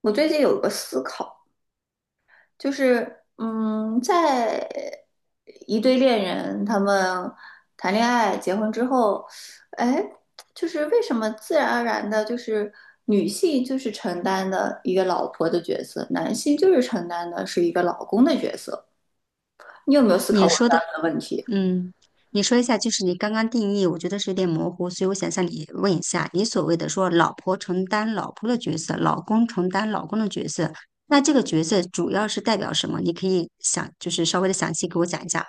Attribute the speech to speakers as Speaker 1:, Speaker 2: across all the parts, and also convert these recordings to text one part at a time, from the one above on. Speaker 1: 我最近有个思考，就是，在一对恋人他们谈恋爱、结婚之后，哎，就是为什么自然而然的，就是女性就是承担的一个老婆的角色，男性就是承担的是一个老公的角色？你有没有思考
Speaker 2: 你
Speaker 1: 过
Speaker 2: 说
Speaker 1: 这
Speaker 2: 的，
Speaker 1: 样的问题？
Speaker 2: 嗯，你说一下，就是你刚刚定义，我觉得是有点模糊，所以我想向你问一下，你所谓的说老婆承担老婆的角色，老公承担老公的角色，那这个角色主要是代表什么？你可以想，就是稍微的详细给我讲一下吗？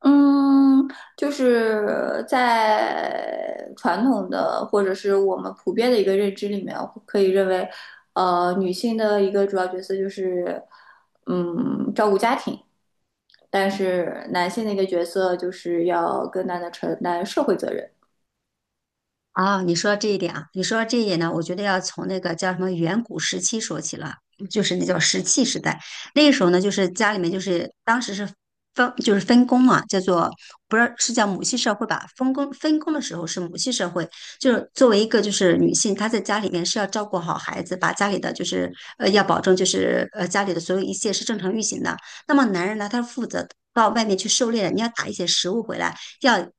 Speaker 1: 嗯，就是在传统的或者是我们普遍的一个认知里面，可以认为，女性的一个主要角色就是，照顾家庭，但是男性的一个角色就是要更大的承担社会责任。
Speaker 2: 啊，你说这一点呢，我觉得要从那个叫什么远古时期说起了，就是那叫石器时代。那个时候呢，就是家里面就是当时是分就是分工嘛，叫做，不是，是叫母系社会吧？分工的时候是母系社会，就是作为一个就是女性，她在家里面是要照顾好孩子，把家里的就是要保证就是家里的所有一切是正常运行的。那么男人呢，他是负责到外面去狩猎的，你要打一些食物回来，要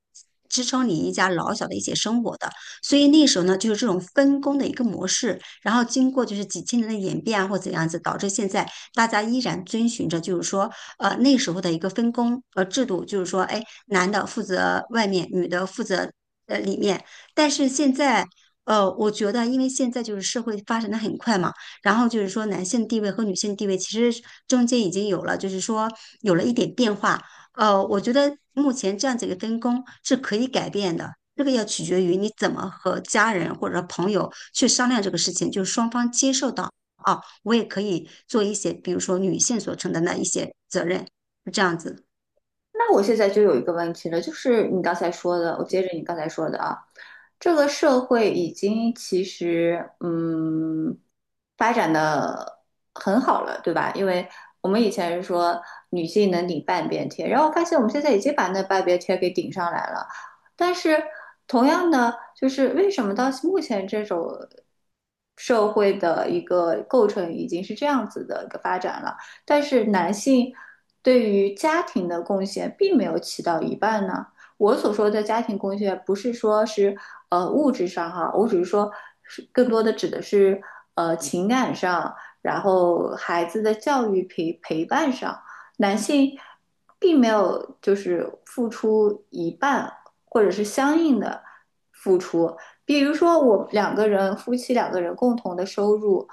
Speaker 2: 支撑你一家老小的一些生活的。所以那时候呢，就是这种分工的一个模式，然后经过就是几千年的演变啊，或怎样子，导致现在大家依然遵循着就是说，那时候的一个分工制度，就是说，哎，男的负责外面，女的负责里面。但是现在，我觉得因为现在就是社会发展的很快嘛，然后就是说男性地位和女性地位其实中间已经有了，就是说有了一点变化。我觉得目前这样子一个分工是可以改变的，这个要取决于你怎么和家人或者朋友去商量这个事情，就是双方接受到啊，我也可以做一些，比如说女性所承担的一些责任，这样子
Speaker 1: 那我现在就有一个问题了，就是你刚才说的，我接着你刚才说的啊，这个社会已经其实发展的很好了，对吧？因为我们以前是说女性能顶半边天，然后发现我们现在已经把那半边天给顶上来了，但是同样的，就是为什么到目前这种社会的一个构成已经是这样子的一个发展了？但是男性对于家庭的贡献并没有起到一半呢。我所说的家庭贡献，不是说是物质上哈，我只是说更多的指的是情感上，然后孩子的教育陪伴上，男性并没有就是付出一半，或者是相应的付出，比如说我两个人夫妻两个人共同的收入，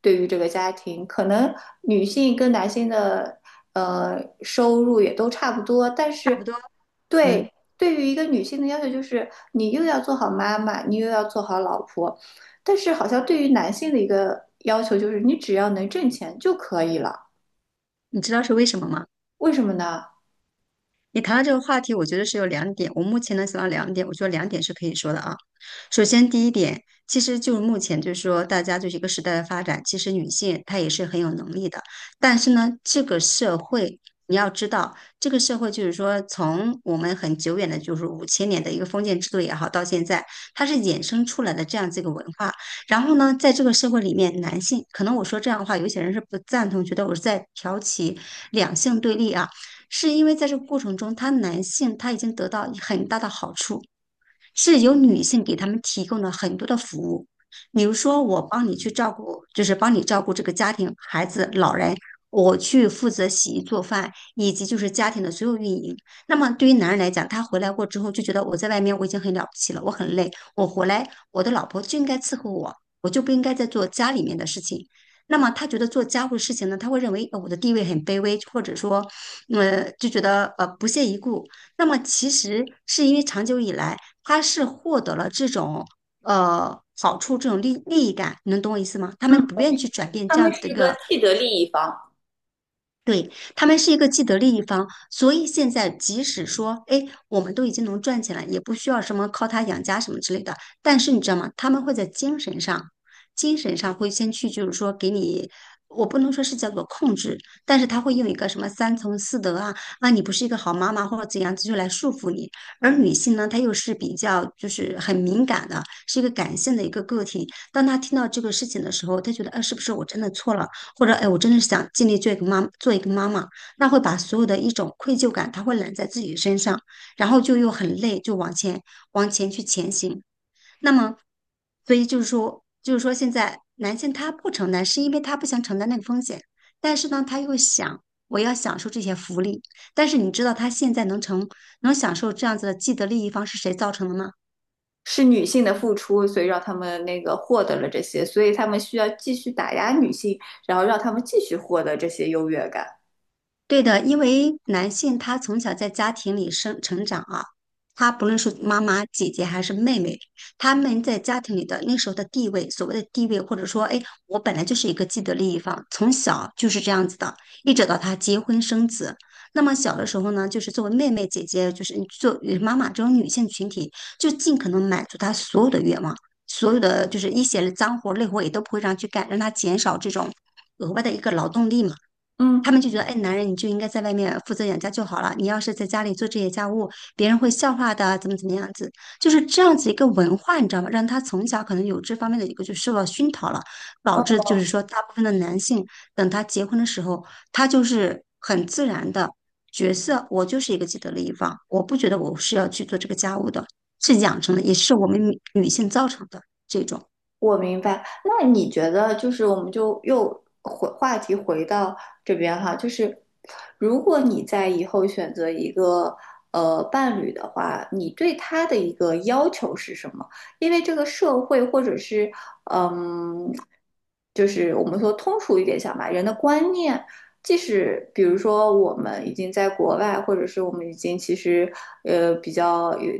Speaker 1: 对于这个家庭，可能女性跟男性的收入也都差不多，但
Speaker 2: 差
Speaker 1: 是
Speaker 2: 不多。嗯，
Speaker 1: 对对于一个女性的要求就是你又要做好妈妈，你又要做好老婆，但是好像对于男性的一个要求就是你只要能挣钱就可以了，
Speaker 2: 你知道是为什么吗？
Speaker 1: 为什么呢？
Speaker 2: 你谈到这个话题，我觉得是有两点。我目前能想到两点，我觉得两点是可以说的啊。首先，第一点，其实就是目前就是说，大家就是一个时代的发展，其实女性她也是很有能力的。但是呢，这个社会你要知道，这个社会就是说，从我们很久远的，就是五千年的一个封建制度也好，到现在，它是衍生出来的这样子一个文化。然后呢，在这个社会里面，男性可能我说这样的话，有些人是不赞同，觉得我是在挑起两性对立啊。是因为在这个过程中，他男性他已经得到很大的好处，是由女性给他们提供了很多的服务，比如说我帮你去照顾，就是帮你照顾这个家庭、孩子、老人，我去负责洗衣做饭，以及就是家庭的所有运营。那么对于男人来讲，他回来过之后就觉得我在外面我已经很了不起了，我很累，我回来我的老婆就应该伺候我，我就不应该再做家里面的事情。那么他觉得做家务的事情呢，他会认为我的地位很卑微，或者说，就觉得不屑一顾。那么其实是因为长久以来，他是获得了这种好处，这种利益感，你能懂我意思吗？他
Speaker 1: 嗯，
Speaker 2: 们不愿意去转变
Speaker 1: 他
Speaker 2: 这
Speaker 1: 们
Speaker 2: 样子的一
Speaker 1: 是个
Speaker 2: 个。
Speaker 1: 既得利益方，
Speaker 2: 对，他们是一个既得利益方，所以现在即使说，哎，我们都已经能赚钱了，也不需要什么靠他养家什么之类的。但是你知道吗？他们会在精神上，精神上会先去，就是说给你，我不能说是叫做控制，但是他会用一个什么三从四德啊，啊，你不是一个好妈妈或者怎样子，就来束缚你。而女性呢，她又是比较就是很敏感的，是一个感性的一个个体。当她听到这个事情的时候，她觉得，啊，是不是我真的错了？或者哎，我真的是想尽力做一个妈，做一个妈妈，那会把所有的一种愧疚感，它会揽在自己身上，然后就又很累，就往前去前行。那么，所以就是说，就是说现在男性他不承担，是因为他不想承担那个风险，但是呢，他又想我要享受这些福利，但是你知道他现在能享受这样子的既得利益方是谁造成的吗？
Speaker 1: 是女性的付出，所以让他们那个获得了这些，所以他们需要继续打压女性，然后让他们继续获得这些优越感。
Speaker 2: 对的，因为男性他从小在家庭里生成长啊，他不论是妈妈、姐姐还是妹妹，他们在家庭里的那时候的地位，所谓的地位，或者说，哎，我本来就是一个既得利益方，从小就是这样子的，一直到他结婚生子。那么小的时候呢，就是作为妹妹、姐姐，就是作为妈妈这种女性群体，就尽可能满足她所有的愿望，所有的就是一些脏活累活也都不会让去干，让她减少这种额外的一个劳动力嘛。
Speaker 1: 嗯，
Speaker 2: 他们就觉得，哎，男人你就应该在外面负责养家就好了，你要是在家里做这些家务，别人会笑话的，怎么怎么样子，就是这样子一个文化，你知道吗？让他从小可能有这方面的一个就受到熏陶了，导致就是说，大部分的男性等他结婚的时候，他就是很自然的角色，我就是一个既得利益方，我不觉得我是要去做这个家务的，是养成的，也是我们女性造成的这种。
Speaker 1: 我明白，那你觉得就是我们就又回话题回到这边哈，就是如果你在以后选择一个伴侣的话，你对他的一个要求是什么？因为这个社会或者是嗯，就是我们说通俗一点讲吧，人的观念，即使比如说我们已经在国外，或者是我们已经其实比较有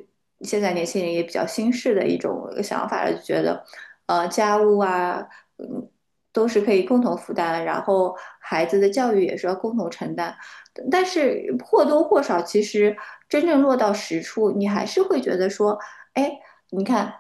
Speaker 1: 现在年轻人也比较新式的一种想法了，就觉得。呃家务啊，嗯，都是可以共同负担，然后孩子的教育也是要共同承担。但是或多或少，其实真正落到实处，你还是会觉得说，哎，你看，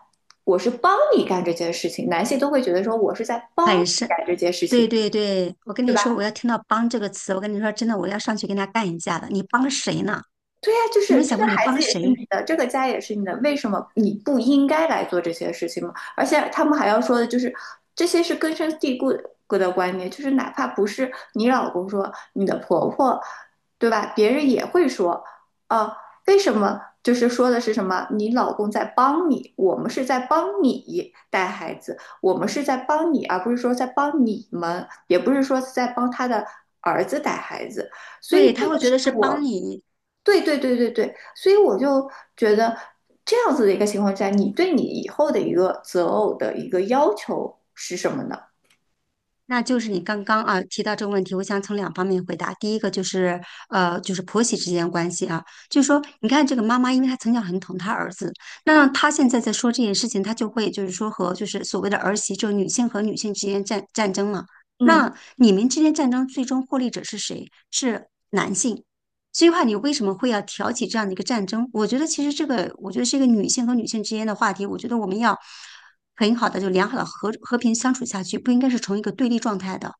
Speaker 1: 我是帮你干这件事情，男性都会觉得说我是在
Speaker 2: 他
Speaker 1: 帮
Speaker 2: 也
Speaker 1: 你
Speaker 2: 是。
Speaker 1: 干这件事
Speaker 2: 对
Speaker 1: 情。
Speaker 2: 对对，我跟
Speaker 1: 对
Speaker 2: 你
Speaker 1: 吧？
Speaker 2: 说，我要听到“帮”这个词，我跟你说，真的，我要上去跟他干一架的。你帮谁呢？
Speaker 1: 对呀，就
Speaker 2: 你有没
Speaker 1: 是
Speaker 2: 有
Speaker 1: 这
Speaker 2: 想
Speaker 1: 个
Speaker 2: 过你
Speaker 1: 孩子
Speaker 2: 帮
Speaker 1: 也
Speaker 2: 谁？
Speaker 1: 是你的，这个家也是你的，为什么你不应该来做这些事情吗？而且他们还要说的就是，这些是根深蒂固的观念，就是哪怕不是你老公说，你的婆婆，对吧？别人也会说，啊，为什么？就是说的是什么？你老公在帮你，我们是在帮你带孩子，我们是在帮你，而不是说在帮你们，也不是说是在帮他的儿子带孩子，所以
Speaker 2: 对，
Speaker 1: 这
Speaker 2: 他
Speaker 1: 个
Speaker 2: 会觉得是帮你。
Speaker 1: 对，所以我就觉得这样子的一个情况下，你对你以后的一个择偶的一个要求是什么呢？
Speaker 2: 那就是你刚刚啊提到这个问题，我想从两方面回答。第一个就是就是婆媳之间关系啊，就是说，你看这个妈妈，因为她从小很疼她儿子，那她现在在说这件事情，她就会就是说和就是所谓的儿媳，就是女性和女性之间战争嘛。
Speaker 1: 嗯
Speaker 2: 那你们之间战争最终获利者是谁？是男性。所以话，你为什么会要挑起这样的一个战争？我觉得其实这个，我觉得是一个女性和女性之间的话题。我觉得我们要，很好的就良好的和和平相处下去，不应该是从一个对立状态的。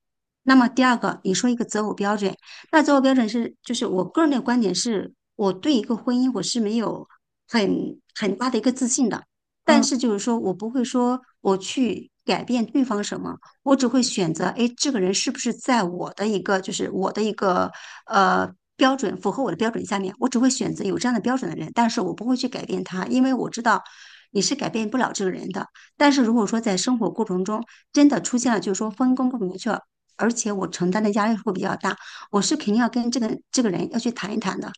Speaker 2: 那么第二个，你说一个择偶标准，那择偶标准是就是我个人的观点是，我对一个婚姻我是没有很大的一个自信的，但
Speaker 1: 嗯。
Speaker 2: 是就是说我不会说我去改变对方什么，我只会选择，哎，这个人是不是在我的一个就是我的一个呃。标准符合我的标准下面，我只会选择有这样的标准的人，但是我不会去改变他，因为我知道你是改变不了这个人的。但是如果说在生活过程中真的出现了，就是说分工不明确，而且我承担的压力会比较大，我是肯定要跟这个人要去谈一谈的，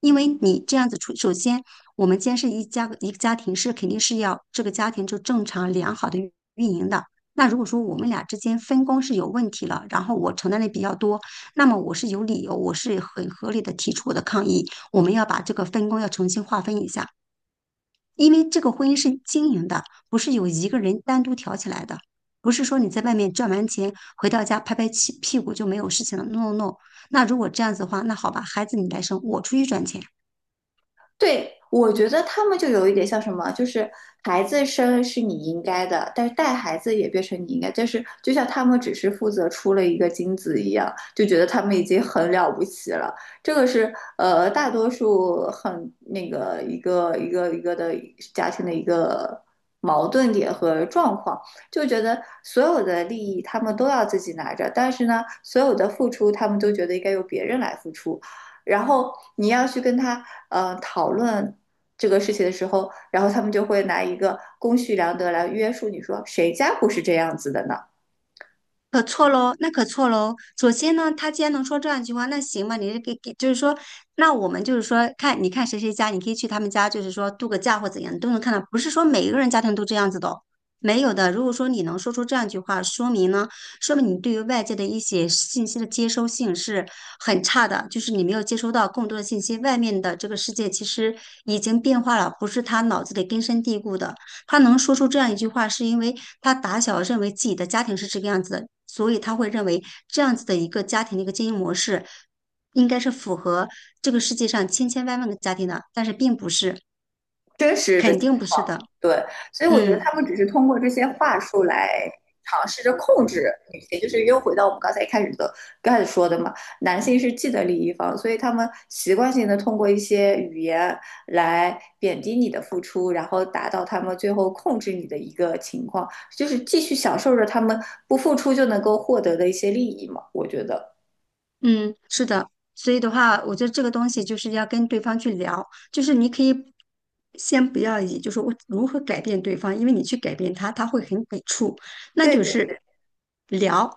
Speaker 2: 因为你这样子出，首先我们既然是一家一个家庭，是肯定是要这个家庭就正常良好的运营的。那如果说我们俩之间分工是有问题了，然后我承担的比较多，那么我是有理由，我是很合理的提出我的抗议。我们要把这个分工要重新划分一下，因为这个婚姻是经营的，不是有一个人单独挑起来的，不是说你在外面赚完钱回到家拍拍屁股就没有事情了。No No No，那如果这样子的话，那好吧，孩子你来生，我出去赚钱。
Speaker 1: 对，我觉得他们就有一点像什么，就是孩子生是你应该的，但是带孩子也变成你应该。但是就像他们只是负责出了一个精子一样，就觉得他们已经很了不起了。这个是大多数很那个一个的家庭的一个矛盾点和状况，就觉得所有的利益他们都要自己拿着，但是呢，所有的付出他们都觉得应该由别人来付出。然后你要去跟他讨论这个事情的时候，然后他们就会拿一个公序良德来约束你说谁家不是这样子的呢？
Speaker 2: 可错喽，那可错喽。首先呢，他既然能说这样一句话，那行吧，你是给，就是说，那我们就是说，看你看谁家，你可以去他们家，就是说度个假或怎样，你都能看到。不是说每一个人家庭都这样子的哦，没有的。如果说你能说出这样一句话，说明呢，说明你对于外界的一些信息的接收性是很差的，就是你没有接收到更多的信息。外面的这个世界其实已经变化了，不是他脑子里根深蒂固的。他能说出这样一句话，是因为他打小认为自己的家庭是这个样子的，所以他会认为这样子的一个家庭的一个经营模式，应该是符合这个世界上千千万万个家庭的，但是并不是，
Speaker 1: 真实的
Speaker 2: 肯
Speaker 1: 情
Speaker 2: 定不是
Speaker 1: 况。
Speaker 2: 的。
Speaker 1: 对，所以我觉得
Speaker 2: 嗯。
Speaker 1: 他们只是通过这些话术来尝试着控制女性，就是又回到我们刚才一开始的开始说的嘛，男性是既得利益方，所以他们习惯性的通过一些语言来贬低你的付出，然后达到他们最后控制你的一个情况，就是继续享受着他们不付出就能够获得的一些利益嘛，我觉得。
Speaker 2: 嗯，是的，所以的话，我觉得这个东西就是要跟对方去聊，就是你可以先不要以就是我如何改变对方，因为你去改变他，他会很抵触，那
Speaker 1: 对
Speaker 2: 就
Speaker 1: 对，
Speaker 2: 是聊，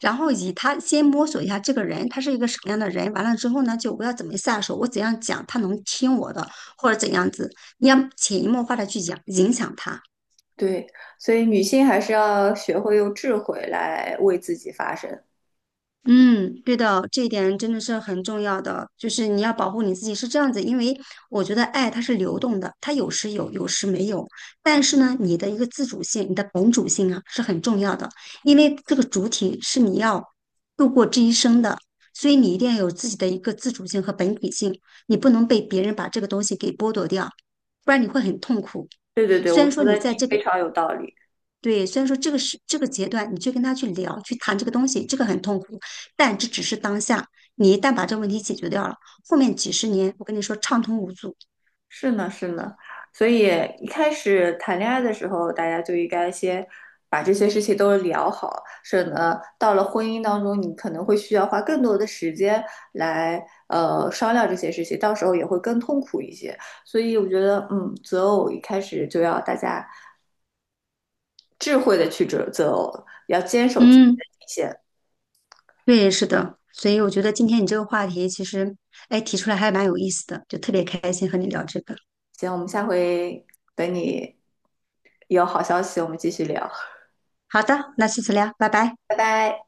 Speaker 2: 然后以他先摸索一下这个人，他是一个什么样的人，完了之后呢，就我要怎么下手，我怎样讲他能听我的，或者怎样子，你要潜移默化的去讲影响他。
Speaker 1: 对，所以女性还是要学会用智慧来为自己发声。
Speaker 2: 嗯，对的，这一点真的是很重要的，就是你要保护你自己是这样子，因为我觉得爱它是流动的，它有时有，有时没有。但是呢，你的一个自主性，你的本主性啊是很重要的，因为这个主体是你要度过这一生的，所以你一定要有自己的一个自主性和本体性，你不能被别人把这个东西给剥夺掉，不然你会很痛苦。
Speaker 1: 对对对，
Speaker 2: 虽
Speaker 1: 我
Speaker 2: 然
Speaker 1: 说
Speaker 2: 说
Speaker 1: 的
Speaker 2: 你在
Speaker 1: 你
Speaker 2: 这
Speaker 1: 非
Speaker 2: 个
Speaker 1: 常有道理。
Speaker 2: 对，虽然说这个是这个阶段，你去跟他去聊、去谈这个东西，这个很痛苦，但这只是当下。你一旦把这个问题解决掉了，后面几十年，我跟你说畅通无阻。
Speaker 1: 是呢，是呢，所以一开始谈恋爱的时候，大家就应该先把这些事情都聊好，省得到了婚姻当中，你可能会需要花更多的时间来商量这些事情，到时候也会更痛苦一些。所以我觉得，嗯，择偶一开始就要大家智慧的去择偶，要坚守自己
Speaker 2: 嗯，
Speaker 1: 的底线。
Speaker 2: 对，是的。所以我觉得今天你这个话题其实，哎，提出来还蛮有意思的，就特别开心和你聊这个。
Speaker 1: 行，我们下回等你有好消息，我们继续聊。
Speaker 2: 好的，那下次聊，拜拜。
Speaker 1: 嗨。